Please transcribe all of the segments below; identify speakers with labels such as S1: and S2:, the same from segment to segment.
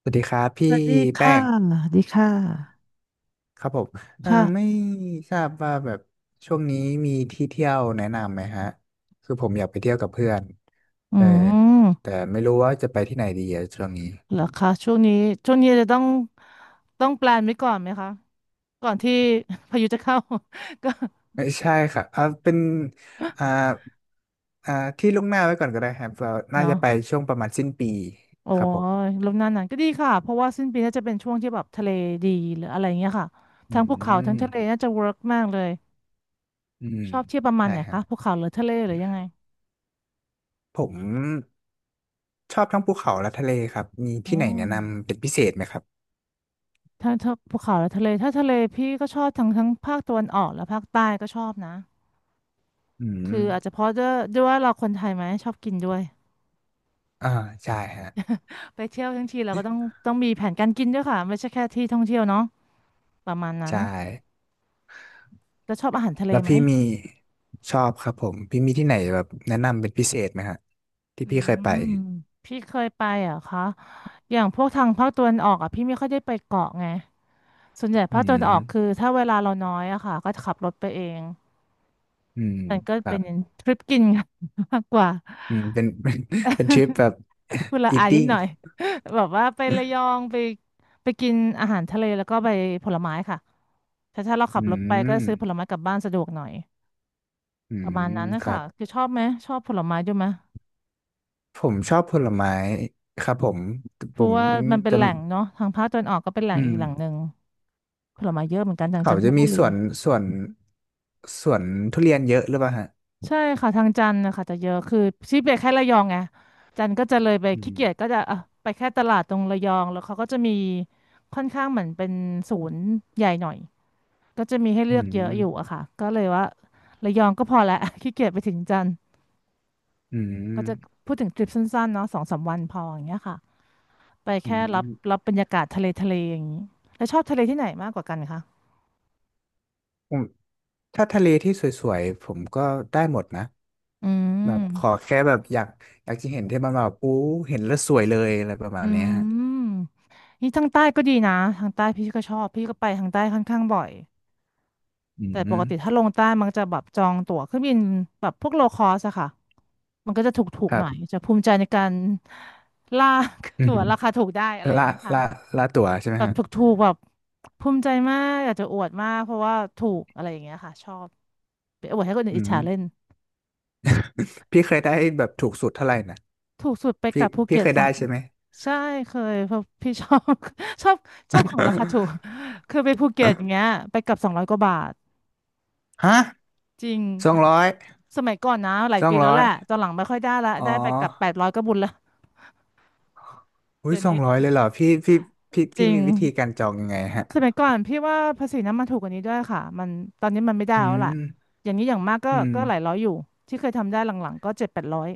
S1: สวัสดีครับ
S2: ส
S1: พี่
S2: วัสดี
S1: แป้
S2: ค่ะ
S1: ง
S2: สวัสดีค่ะ
S1: ครับผมไม่
S2: ค่ะ
S1: ทราบว่าแบบช่วงนี้มีที่เที่ยวแนะนำไหมฮะคือผมอยากไปเที่ยวกับเพื่อน
S2: อื
S1: เออแต่
S2: ม
S1: ไม่รู้ว่าจะไปที่ไหนดีอะช่วงนี้
S2: เหรอคะช่วงนี้ช่วงนี้จะต้องแปลนไว้ก่อนไหมคะก่อนที่ พายุจะเข้า ก็
S1: ไม่ใช่ค่ะเป็นอ่าอ่าที่ล่วงหน้าไว้ก่อนก็ได้ครับเราน่า
S2: เนาะ
S1: จะไปช่วงประมาณสิ้นปี
S2: โอ้
S1: ครับผม
S2: ยลมหนาวหนานก็ดีค่ะเพราะว่าสิ้นปีน่าจะเป็นช่วงที่แบบทะเลดีหรืออะไรเงี้ยค่ะ
S1: อื
S2: ทั้งภูเขาทั้ง
S1: ม
S2: ทะเลน่าจะเวิร์กมากเลย
S1: อืม
S2: ชอบเที่ยวประมาณ
S1: ใช่
S2: ไหน
S1: ครับ
S2: คะภูเขาหรือทะเลหรือยังไง
S1: ผมชอบทั้งภูเขาและทะเลครับมี
S2: อ๋อ
S1: ที่ไหนแนะนำเป็นพิเศษไหมครับ
S2: ถ้าภูเขาและทะเลถ้าทะเลพี่ก็ชอบทั้งภาคตะวันออกและภาคใต้ก็ชอบนะ
S1: อืม
S2: คืออาจจะเพราะด้วยว่าเราคนไทยไหมชอบกินด้วย
S1: อ่าใช่ฮะ
S2: ไปเที่ยวทั้งทีเราก็ต้องมีแผนการกินด้วยค่ะไม่ใช่แค่ที่ท่องเที่ยวเนาะประมาณนั้น
S1: ใช่
S2: แล้วชอบอาหารทะเล
S1: แล้ว
S2: ไหม
S1: พี่มีชอบครับผมพี่มีที่ไหนแบบแนะนำเป็นพิเศษไหมฮะที่
S2: อื
S1: พี่เคยไป
S2: มพี่เคยไปเหรอ่ะคะอย่างพวกทางภาคตะวันออกอ่ะพี่ไม่ค่อยได้ไปเกาะไงส่วนใหญ่
S1: อื
S2: ภาคตะวัน
S1: ม
S2: ออกคือถ้าเวลาเราน้อยอะค่ะก็จะขับรถไปเอง
S1: อืม
S2: มันก็
S1: ครั
S2: เป็
S1: บ
S2: นทริปกิน กันมากกว่า
S1: อืมเป็น เป็นทริปแบบ
S2: คือละ อายนิด
S1: eating
S2: หน่อย แบบว่าไประยองไปกินอาหารทะเลแล้วก็ไปผลไม้ค่ะถ้าเราขั
S1: อื
S2: บรถไปก็
S1: ม
S2: ซื้อผลไม้กลับบ้านสะดวกหน่อย
S1: อื
S2: ประ
S1: ม
S2: มาณนั้นนะ
S1: ครั
S2: คะ
S1: บ
S2: คือชอบไหมชอบผลไม้ด้วยไหม
S1: ผมชอบผลไม้ครับผม
S2: เพ
S1: ผ
S2: ราะ
S1: ม
S2: ว่ามันเป็น
S1: จะ
S2: แหล่งเนาะทางภาคตะวันออกก็เป็นแหล่
S1: อื
S2: งอี
S1: ม
S2: กแหล่งหนึ่งผลไม้เยอะเหมือนกันทางจั
S1: เขา
S2: นท
S1: จะ
S2: บุ
S1: มีส
S2: รี
S1: วนสวนสวนทุเรียนเยอะหรือเปล่าฮะ
S2: ใช่ค่ะทางจันทร์นะคะจะเยอะคือชีไปแค่ระยองไงจันทร์ก็จะเลยไป
S1: อื
S2: ขี้เกียจก็
S1: ม
S2: จะอ่ะไปแค่ตลาดตรงระยองแล้วเขาก็จะมีค่อนข้างเหมือนเป็นศูนย์ใหญ่หน่อย ก็จะมีให้
S1: อื
S2: เลือกเยอะอยู่อะ
S1: ม
S2: ค่ะก็เลยว่าระยองก็พอแล้ว ขี้เกียจไปถึงจันทร์
S1: อื
S2: ก็
S1: ม
S2: จะพูดถึงทริปสั้นๆเนาะ2-3 วันพออย่างเงี้ยค่ะไป
S1: อื
S2: แค่รับ
S1: ม
S2: รับบรรยากาศทะเลอย่างนี้แล้วชอบทะเลที่ไหนมากกว่ากันคะ
S1: ผมถ้าทะเลที่สวยๆผมก็ได้หมดนะ
S2: อื
S1: แบบขอ
S2: ม
S1: แค่แบบอยากอยากจะเห็นที่มันแบบอู้เห็นแล้วสวยเลยอะไรประมา
S2: อื
S1: ณเนี้ยฮะ
S2: มนี่ทางใต้ก็ดีนะทางใต้พี่ก็ชอบพี่ก็ไปทางใต้ค่อนข้างบ่อย
S1: อื
S2: แต่ปก
S1: ม
S2: ติถ้าลงใต้มันจะแบบจองตั๋วเครื่องบินแบบพวกโลคอสอะค่ะมันก็จะถูก
S1: ค
S2: ๆ
S1: รั
S2: หน่อย
S1: บ
S2: จะภูมิใจในการลาก
S1: อื
S2: ตั๋ว
S1: ม
S2: ราคาถูกได้อะไรอย่าง
S1: ละ
S2: เงี้ยค่ะ
S1: ละละตั๋วใช่ไหม
S2: แบบ
S1: ฮะ
S2: ถูกๆแบบภูมิใจมากอยากจะอวดมากเพราะว่าถูกอะไรอย่างเงี้ยค่ะชอบไปอวดให้คนอื่น
S1: อื
S2: อิจ
S1: ม
S2: ฉาเล่น
S1: พี่เคยได้แบบถูกสุดเท่าไหร่นะ
S2: ถูกสุดไปก
S1: พี่
S2: ลับภู
S1: พี่
S2: เก็ต
S1: เคย
S2: สอ
S1: ได้
S2: ง
S1: ใช่ไหม
S2: ใช่เคยเพราะพี่ชอบ ชอบชอบของราคาถูกคือไปภูเก็ตอย่างเงี้ ยไปกลับ200 กว่าบาท
S1: ฮะ
S2: จริง
S1: สองร้อย
S2: สมัยก่อนนะหลาย
S1: สอ
S2: ปี
S1: ง
S2: แล้ว
S1: ร้อ
S2: แห
S1: ย
S2: ละตอนหลังไม่ค่อยได้ละ
S1: อ๋
S2: ได้ไปกลับแป
S1: อ
S2: ดร้อยก็บุญละ
S1: อุ้
S2: เดี๋
S1: ย
S2: ยว
S1: สอ
S2: นี้
S1: งร้อยเลยเหรอพี่พี่
S2: จริง
S1: มีวิธีการจองยังไงฮะ
S2: สมัยก่อนพี่ว่าภาษีน้ำมันถูกกว่านี้ด้วยค่ะมันตอนนี้มันไม่ได้
S1: อื
S2: แล้วล่ะ
S1: ม
S2: อย่างนี้อย่างมากก็
S1: อืม
S2: ก็หลายร้อยอยู่ที่เคยทำได้หลังๆก็7-800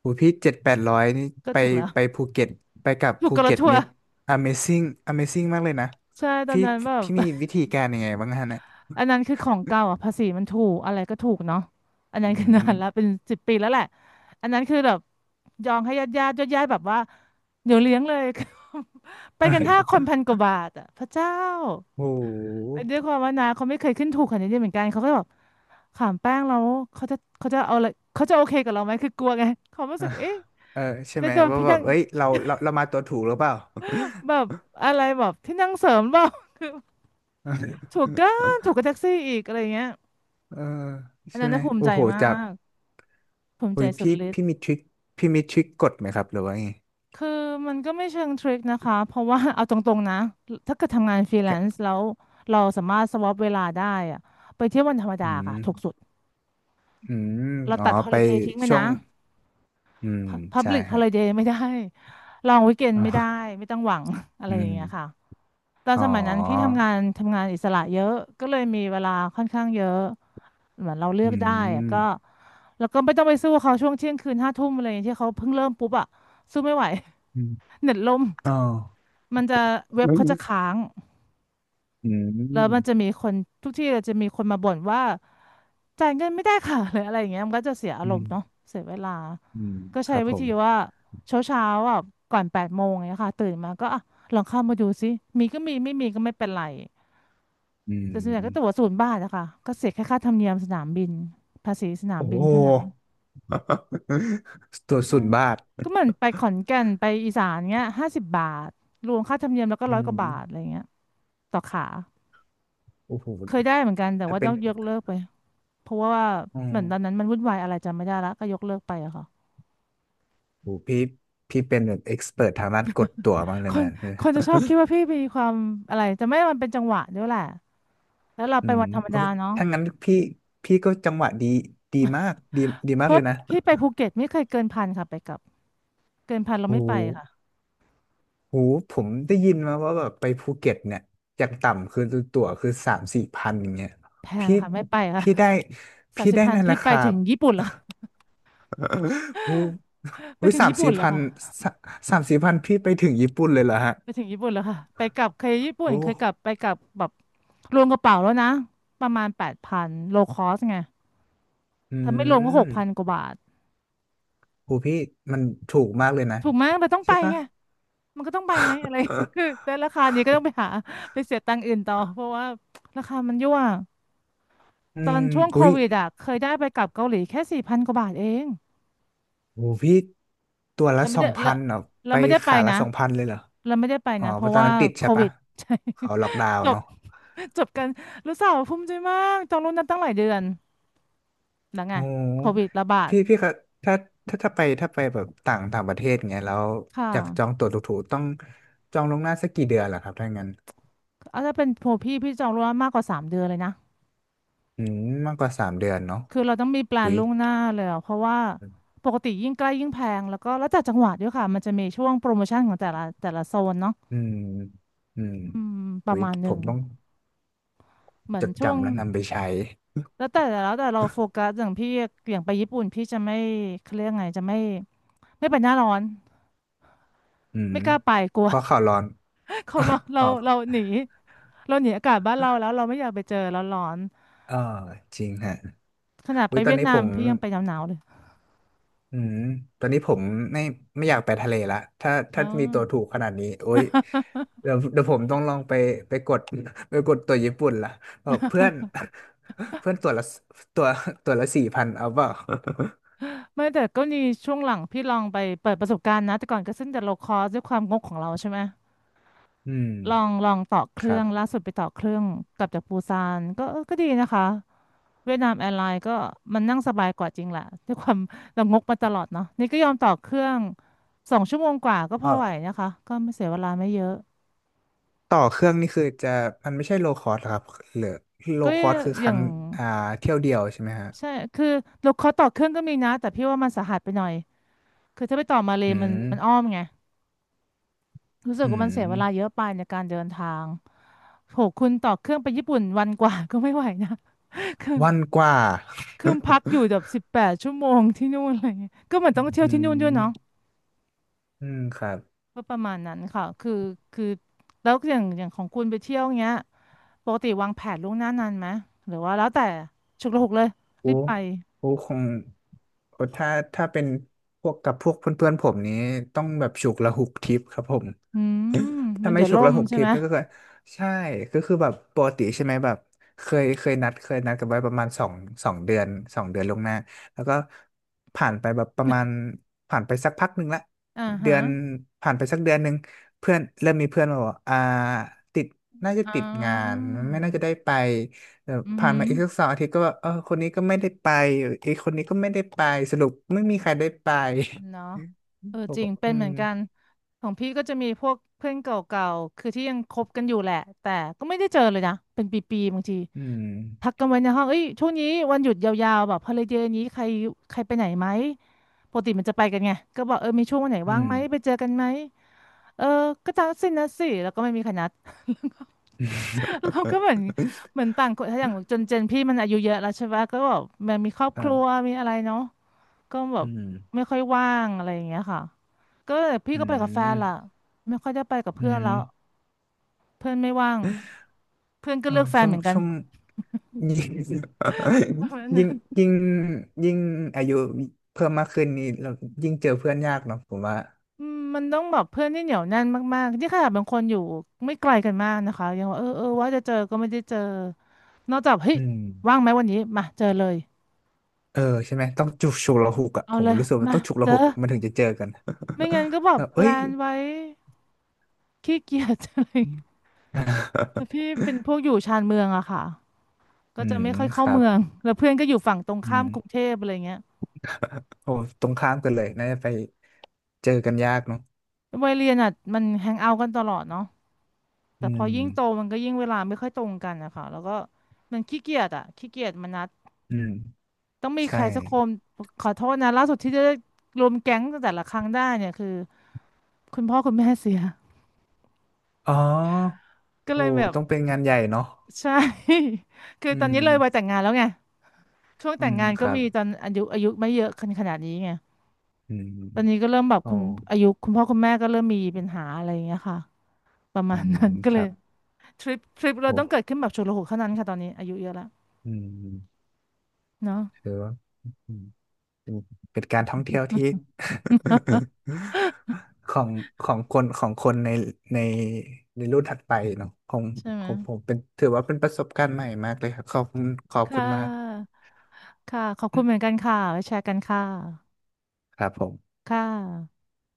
S1: โหพี่เจ็ดแปดร้อยนี่
S2: ก็
S1: ไป
S2: ถูกแล้ว
S1: ภูเก็ตไปกับ
S2: ถูก
S1: ภู
S2: ก
S1: เก็
S2: วะ
S1: ต
S2: ทัว
S1: นิ
S2: ร์
S1: ด Amazing Amazing มากเลยนะ
S2: ใช่ตอน
S1: พี่
S2: นั้นแบบ
S1: พี่มีวิธีการยังไงบ้างฮะเนี่ย
S2: อันนั้นคือของเก่าอ่ะภาษีมันถูกอะไรก็ถูกเนาะอันนั้
S1: อื
S2: นคือนา
S1: ม
S2: นแล้วเป็น10 ปีแล้วแหละอันนั้นคือแบบยองให้ญาติญาติญาติญาติแบบว่าเดี๋ยวเลี้ยงเลย ไปกันห้าค นพันกว่าบาทอ่ะพระเจ้า
S1: โอ้โ
S2: ด้วย
S1: ห
S2: ความว่านาเขาไม่เคยขึ้นถูกขนาดนี้เหมือนกันเขาก็แบบขามแป้งแล้วเขาจะเอาอะไรเขาจะโอเคกับเราไหมคือกลัวไงเขารู้สึ
S1: อ่ะ
S2: กเอ๊ะ
S1: เออใช่
S2: จะ
S1: ไหม
S2: โดน
S1: ว่า
S2: พี่
S1: แบ
S2: นั่
S1: บ
S2: ง
S1: เอ้ยเรามาตัวถูกหรือเปล่า
S2: แบบอะไรแบบที่นั่งเสริมเปล่า ถู กกันถูกกับแท็กซี่อีกอะไรเงี้ย
S1: เออ
S2: อัน
S1: ใช่
S2: นั้น
S1: ไหม
S2: น่ะภูมิ
S1: โอ้
S2: ใจ
S1: โห
S2: มา
S1: จาก
S2: กภูมิ
S1: โอ้
S2: ใจ
S1: ย
S2: สุด
S1: พี่
S2: ฤทธิ์
S1: พี่มีทริคกดไหมครับหรือว่าไง
S2: คือมันก็ไม่เชิงทริคนะคะเพราะว่า เอาตรงๆนะถ้าเกิดทำงานฟรีแลน
S1: แค่
S2: ซ์แล้วเราสามารถสวอปเวลาได้อะไปเที่ยววันธรรม
S1: อื
S2: ดา
S1: ม
S2: ค่ะถูกสุด
S1: อืม
S2: เรา
S1: อ๋อ
S2: ตัดฮอ
S1: ไป
S2: ลิเดย์ทิ้งไป
S1: ช่ว
S2: นะ
S1: งอืม
S2: พับ
S1: ใช่
S2: ลิกฮอ
S1: ฮะ
S2: ลิเดย์ไม่ได้ลองวีคเอน
S1: อ๋
S2: ไม่ได้
S1: อ
S2: ไม่ต้องหวัง อะไร
S1: อื
S2: อย่าง
S1: ม
S2: เงี้ยค่ะตอน
S1: อ๋อ
S2: สมัยนั้นพี่ทำงานอิสระเยอะก็เลยมีเวลาค่อนข้างเยอะ เหมือนเราเลื
S1: อ
S2: อกได้อะก็
S1: ื
S2: แล้วก็ไม่ต้องไปสู้เขาช่วงเที่ยงคืน5 ทุ่มอะไรอย่างเงี้ยที่เขาเพิ่งเริ่มปุ๊บอะสู้ไม่ไหว
S1: ม
S2: เน็ตล่ม
S1: อ๋อ
S2: มันจะเว็
S1: อื
S2: บเขาจะ
S1: ม
S2: ค้าง
S1: อืมอื
S2: แล้วมันจะมีคนทุกที่เลยจะมีคนมาบ่นว่าจ่ายเงินไม่ได้ค่ะ หรืออะไรอย่างเงี้ยมันก็จะเสียอารมณ์เนาะ
S1: ม
S2: เสียเวลาก็
S1: ค
S2: ใช้
S1: รับ
S2: วิ
S1: ผ
S2: ธีว่า
S1: ม
S2: เช้าเช้าอ่ะก่อน8 โมงอย่างเงี้ยค่ะตื่นมาก็อ่ะลองเข้ามาดูซิมีก็มีไม่มีก็ไม่เป็นไร
S1: อื
S2: แต่ส่วนใหญ่ก็ตั๋ว
S1: ม
S2: 0 บาทอะค่ะก็เสียแค่ค่าธรรมเนียมสนามบินภาษีสนาม
S1: โอ้
S2: บิ
S1: โห
S2: นเท่านั้น
S1: ตัว
S2: เออ
S1: สุดบาท
S2: ก็เหมือนไปขอนแก่นไปอีสานเงี้ย50 บาทรวมค่าธรรมเนียมแล้วก็
S1: อื
S2: ร้อยกว่า
S1: ม
S2: บาทอะไรเงี้ยต่อขา
S1: โอ้โห
S2: เคยได้เหมือนกันแต่
S1: ถ้า
S2: ว่า
S1: เป็
S2: ต้
S1: น
S2: องยกเลิกไปเพราะว่า
S1: อื
S2: เหมือนตอนนั้
S1: ม
S2: นมันวุ่นวายอะไรจำไม่ได้ละก็ยกเลิกไปอะค่ะ
S1: โอ้โหพี่เป็นแบบเอ็กซ์เพิร์ทางด้านกดตั๋วมากเล
S2: ค
S1: ยนะ
S2: น คนจะชอ
S1: อ
S2: บคิดว่าพี่มีความอะไรจะไม่มันเป็นจังหวะด้วยแหละแล้วเรา
S1: อื
S2: ไป
S1: ม
S2: วันธรรม
S1: โอ้
S2: ดาเนาะ
S1: ถ้างั้นพี่พี่ก็จังหวะดีดีมากดี
S2: เพ
S1: มากเล
S2: ราะ
S1: ยนะ
S2: พี่ไปภูเก็ตไม่เคยเกินพันค่ะไปกลับเกินพันเราไม่
S1: โอ้
S2: ไปค่ะ
S1: โหผมได้ยินมาว่าแบบไปภูเก็ตเนี่ยอย่างต่ำคือตั๋วคือสามสี่พันอย่างเงี้ย
S2: แพง
S1: พี่
S2: ค่ะไม่ไปค่ะ
S1: พี่ได้
S2: สาม
S1: พี่
S2: สิบ
S1: ได้
S2: พัน
S1: นั่นแห
S2: พี่
S1: ละค
S2: ไป
S1: รั
S2: ถึ
S1: บ
S2: งญี่ปุ่นเล้ว
S1: โอ้ โห
S2: ไปถึง
S1: สาม
S2: ญี่ปุ่
S1: สี่
S2: นเล้
S1: พัน
S2: ค่ะ
S1: สามสี่พันพี่ไปถึงญี่ปุ่นเลยเหรอฮะ
S2: ไปถึงญี่ปุ่นแล้วค่ะไปกลับเคยญี่ปุ่น
S1: โอ้
S2: เคยกลับไปกลับแบบรวมกระเป๋าแล้วนะประมาณ8,000โลคอสไง
S1: อื
S2: ถ้าไม่รวมก็ห
S1: ม
S2: กพันกว่าบาท
S1: โหพี่มันถูกมากเลยนะ
S2: ถูกไหมเราต้องไป
S1: ใช่ปะ
S2: ไงมันก็ต้องไปไหมอะไร คือแต่ราคานี้ก็ต้องไปหาไปเสียตังค์อื่นต่อเพราะว่าราคามันยั่ว
S1: อื
S2: ตอ
S1: ม
S2: นช่วงโค
S1: อุ๊ย
S2: วิดอ่ะเคยได้ไปกลับเกาหลีแค่4,000กว่าบาทเอง
S1: โหพี่ตัวละ
S2: เราไม่
S1: สอ
S2: ได้
S1: ง
S2: เรา
S1: พันเหรอ
S2: เรา
S1: ไป
S2: ไม่ได้ไป
S1: ขาละ
S2: นะ
S1: สองพันเลยเหรอ
S2: เราไม่ได้ไป
S1: อ๋อ
S2: นะเพ
S1: เพ
S2: ราะ
S1: ราะตอน
S2: ว่า
S1: นั้นติด
S2: โค
S1: ใช่
S2: วิ
S1: ปะ
S2: ด ใช่
S1: เขาล็อกดาว น์
S2: จบ
S1: เนาะ
S2: จบกันรู้สาวภูมิใจมากจองล่วงหน้าตั้งหลายเดือน แล้วไง
S1: โอ
S2: โควิ
S1: ้
S2: ดระบาด
S1: พี่พี่ครับถ้าถ้าไปแบบต่างต่างประเทศเงี้ยแล้ว
S2: ค
S1: อยากจอง
S2: ่ะ
S1: ตั๋วถูกๆต้องจองล่วงหน้าสักกี่เดือนล่ะครับถ้างั้น
S2: เอาถ้าเป็นโพพี่จองล่วงหน้ามากกว่า3 เดือนเลยนะ
S1: อืมมากกว่าสามเดือนเนาะ
S2: คือเราต้องมีแปล
S1: อุ้
S2: น
S1: ย
S2: ล่วงหน้าเลยอะเพราะว่าปกติยิ่งใกล้ยิ่งแพงแล้วก็แล้วแต่จังหวัดด้วยค่ะมันจะมีช่วงโปรโมชั่นของแต่ละโซนเนาะ
S1: อืมอืม
S2: อืมประ
S1: อุ้ย
S2: มาณห
S1: ผ
S2: นึ่ง
S1: มต้อง
S2: เหมือ
S1: จ
S2: น
S1: ด
S2: ช่วง
S1: จำและนำไปใช้
S2: แล้วแต่เราโฟกัสอย่างพี่อย่างไปญี่ปุ่นพี่จะไม่เขาเรียกไงจะไม่ไม่ไปหน้าร้อน
S1: อืม
S2: ไม่กล้าไปกลัว
S1: เพราะข่าวร้อน
S2: เขาเรา เรา
S1: อ๋อ
S2: เราหนีเราหนีอากาศบ้านเราแล้วเราไม่อยากไปเจอร้อน
S1: เออจริงฮะ
S2: ๆขนาดไป
S1: อุ้ยตอ
S2: เวี
S1: น
S2: ยด
S1: นี้
S2: นา
S1: ผ
S2: ม
S1: ม
S2: พี่ยังไปหนาวๆเลย
S1: อืม ตอนนี้ผมไม่ไม่อยากไปทะเลละถ้า
S2: อ๋อ
S1: ถ้ามีตัวถูกขนาดนี้โอ๊ยเดี๋ยวเดี๋ยวผมต้องลองไปไปกด ไปกดตัวญี่ปุ่นละบอกเพื่อน เพื่อนตัวละตัวตัวละสี่พันเอาเปล่า
S2: ไม่แต่ก็มีช่วงหลังพี่ลองไปเปิดประสบการณ์นะแต่ก่อนก็ซึ่งแต่โลคอสด้วยความงกของเราใช่ไหม
S1: อืม
S2: ลองต่อเค
S1: ค
S2: รื่
S1: รั
S2: องล่า
S1: บ
S2: สุดไปต่อเครื่องกลับจากปูซานก็เออก็ดีนะคะเวียดนามแอร์ไลน์ก็มันนั่งสบายกว่าจริงแหละด้วยความ เรางกมาตลอดเนาะนี่ก็ยอมต่อเครื่อง2 ชั่วโมงกว่าก็พ
S1: อ๋อ
S2: อไหวนะคะก็ไม่เสียเวลาไม่เยอะ
S1: ต่อเครื่องนี่คือจะมันไม่ใช่โลคอสครับหรือโล
S2: ก็
S1: คอสคือค
S2: อย่า
S1: รั้
S2: ง
S1: งอ่าเที่ยวเดียวใช่ไหมฮะ
S2: ใช่คือโลคอสต่อเครื่องก็มีนะแต่พี่ว่ามันสาหัสไปหน่อยคือถ้าไปต่อมาเล
S1: อื
S2: ยมัน
S1: ม
S2: มันอ้อมไงรู้สึ
S1: อื
S2: กว่ามันเสียเวลาเย
S1: ม
S2: อะไปในการเดินทาง โหคุณต่อเครื่องไปญี่ปุ่นวันกว่า ก็ไม่ไหวนะ
S1: วันกว่า
S2: คือพักอยู่แบบ18 ชั่วโมงที่นู่นอะไรเงี้ยก็เหมือนต้อง เที่ยว
S1: อื
S2: ที่นู่นด้วย
S1: ม
S2: เนาะ
S1: อืมครับ
S2: ก็ประมาณนั้นค่ะคือแล้วอย่างของคุณไปเที่ยวเงี้ยปกติวางแผนล่วงหน้านานไหมหรือว่าแล้วแต่ฉุกละหุกเลย
S1: โอ้
S2: รีบไป
S1: โหคงโอ้ถ้าถ้าเป็นพวกกับพวกเพื่อนๆผมนี้ต้องแบบฉุกละหุกทิปครับผม
S2: อืมมั
S1: ถ้า
S2: น
S1: ไม่
S2: เดี๋ยว
S1: ฉุก
S2: ล่ม
S1: ละหก
S2: ใช่
S1: ทิ
S2: ไห
S1: ป
S2: ม
S1: นั่นก็คือใช่ก็คือแบบปกติใช่ไหมแบบเคยเคยนัดกันไว้ประมาณสองสองเดือนสองเดือนล่วงหน้าแล้วก็ผ่านไปแบบประมาณผ่านไปสักพักหนึ่งละ
S2: อ่า
S1: เดื
S2: ฮะ
S1: อนผ่านไปสักเดือนหนึ่งเพื่อนเริ่มมีเพื่อนมาบอกอ่าติดน่าจะ
S2: อ่
S1: ติดงาน
S2: า
S1: ไม่น่าจะได้ไปเออ
S2: อือ
S1: ผ่าน
S2: หื
S1: มา
S2: อ
S1: อีกสักสองอาทิตย์ก็ว่าเออคนนี้ก็ไม่ได้ไปอีกคนนี้ก็ไม่ได้ไปสรุปไม่มีใครได้ไป
S2: เนาะเออจ ริ
S1: บ
S2: ง
S1: อกว่า
S2: เป็
S1: อื
S2: นเหมื
S1: ม
S2: อนกันของพี่ก็จะมีพวกเพื่อนเก่าๆคือที่ยังคบกันอยู่แหละแต่ก็ไม่ได้เจอเลยนะเป็นปีๆบางที
S1: อืม
S2: ทักกันไว้ในห้องเอ้ยช่วงนี้วันหยุดยาวๆแบบฮอลิเดย์นี้ใครใครไปไหนไหมปกติมันจะไปกันไงก็บอกเออมีช่วงวันไหน
S1: อื
S2: ว่าง
S1: ม
S2: ไหมไปเจอกันไหมเออก็จัดสินะสิแล้วก็ไม่มีใครนัด เราก็เหมือน
S1: ค
S2: เหมือนต่างคนถ้าอย่างจนเจนพี่มันอายุเยอะแล้วใช่ปะก็แบบมันมีครอบค
S1: รั
S2: รั
S1: บ
S2: วมีอะไรเนาะ ก็แบ
S1: อื
S2: บ
S1: ม
S2: ไม่ค่อยว่างอะไรอย่างเงี้ยค่ะก็พี่
S1: อื
S2: ก็ไปกับแฟนล่ะ
S1: ม
S2: ไม่ค่อยได้ไปกับ
S1: อื
S2: เพื่อนแล้ว
S1: ม
S2: เพื่อนไม่ว่างเพื่อนก็
S1: เออ
S2: เลือกแฟน
S1: ช่ว
S2: เห
S1: ง
S2: มือนกัน
S1: ช่วงยิ่ง
S2: ประมาณ
S1: ยิ่
S2: นั้
S1: ง
S2: น
S1: ยิ่งยิ่งอายุเพิ่มมากขึ้นนี่เรายิ่งเจอเพื่อนยากเนาะผมว่า
S2: อืมมันต้องแบบเพื่อนที่เหนียวแน่นมากๆที่ขนาดบางคนอยู่ไม่ไกลกันมากนะคะยังว่าเออเออว่าจะเจอก็ไม่ได้เจอนอกจากเฮ้ย
S1: อืม
S2: ว่างไหมวันนี้มาเจอเลย
S1: เออใช่ไหมต้องจุกฉุกละหุกอ่ะ
S2: เอา
S1: ผม
S2: เลย
S1: รู้สึกว่า
S2: มา
S1: ต้องฉุก
S2: เจ
S1: ละ
S2: อ
S1: หุกมันถึงจะเจอกัน
S2: ไม่งั้นก็แบ
S1: แบ
S2: บ
S1: บ
S2: แป
S1: เอ้
S2: ล
S1: ย
S2: นไว้ขี้เกียจ อะไรอย่างเงี้ย
S1: อ
S2: แต่พี่เป็นพวกอยู่ชานเมืองอะค่ะ ก็
S1: อื
S2: จะ
S1: ม
S2: ไม่ค่อย
S1: ค
S2: เข้า
S1: รับ
S2: เมืองแล้วเพื่อนก็อยู่ฝั่งตรง
S1: อื
S2: ข้ามกรุง
S1: ม
S2: เทพอะไรเงี้ย
S1: โอ้ตรงข้ามกันเลยน่าจะไปเจอกันยากเนาะ
S2: วัยเรียนอ่ะมันแฮงเอาท์กันตลอดเนาะแต่
S1: อื
S2: พอยิ่งโต
S1: ม
S2: มันก็ยิ่งเวลาไม่ค่อยตรงกันอะค่ะแล้วก็มันขี้เกียจอ่ะขี้เกียจมานัด
S1: อืม
S2: ต้องมีใค
S1: ใช่
S2: รสักคนขอโทษนะล่าสุดที่จะรวมแก๊งแต่ละครั้งได้เนี่ยคือคุณพ่อคุณแม่เสีย
S1: อ๋อ
S2: ก็
S1: โอ้
S2: เลยแบบ
S1: ต้องเป็นงานใหญ่เนาะ
S2: ใช่ คือ
S1: อื
S2: ตอนนี้
S1: ม
S2: เลยวัยแต่งงานแล้วไงช่วง
S1: อื
S2: แต่ง
S1: ม
S2: งาน
S1: ค
S2: ก็
S1: รับ
S2: มีตอนอายุไม่เยอะขนาดนี้ไง
S1: อืม
S2: ตอนนี้ก็เริ่มแบบ
S1: โอ้
S2: คุณอายุคุณพ่อคุณแม่ก็เริ่มมีปัญหาอะไรอย่างเงี้ยค่ะ ประ
S1: อื
S2: มาณ
S1: ม
S2: นั้น ก็
S1: ค
S2: เล
S1: รั
S2: ย
S1: บ
S2: ทริปเรา
S1: โอ้
S2: ต้องเกิดขึ้นแบบฉุกละหุกเท่านั้นค่ะตอนนี้อายุเยอะแล้ว
S1: อืม
S2: เนาะ
S1: ถือว่าอืมเป็นเป็นการท่องเที่ยวที่ ของของคนของคนในในในรุ่นถัดไปเนาะของ
S2: ใช่ไหม
S1: ของผมเป็นถือว่าเป็นประสบการณ์ใหม่มากเลยครับขอบคุณขอบ
S2: ค่
S1: คุณมาก
S2: ะค่ะขอบคุณเหมือนกันค่ะไว้แชร์กันค่ะ
S1: ครับผม
S2: ค่ะ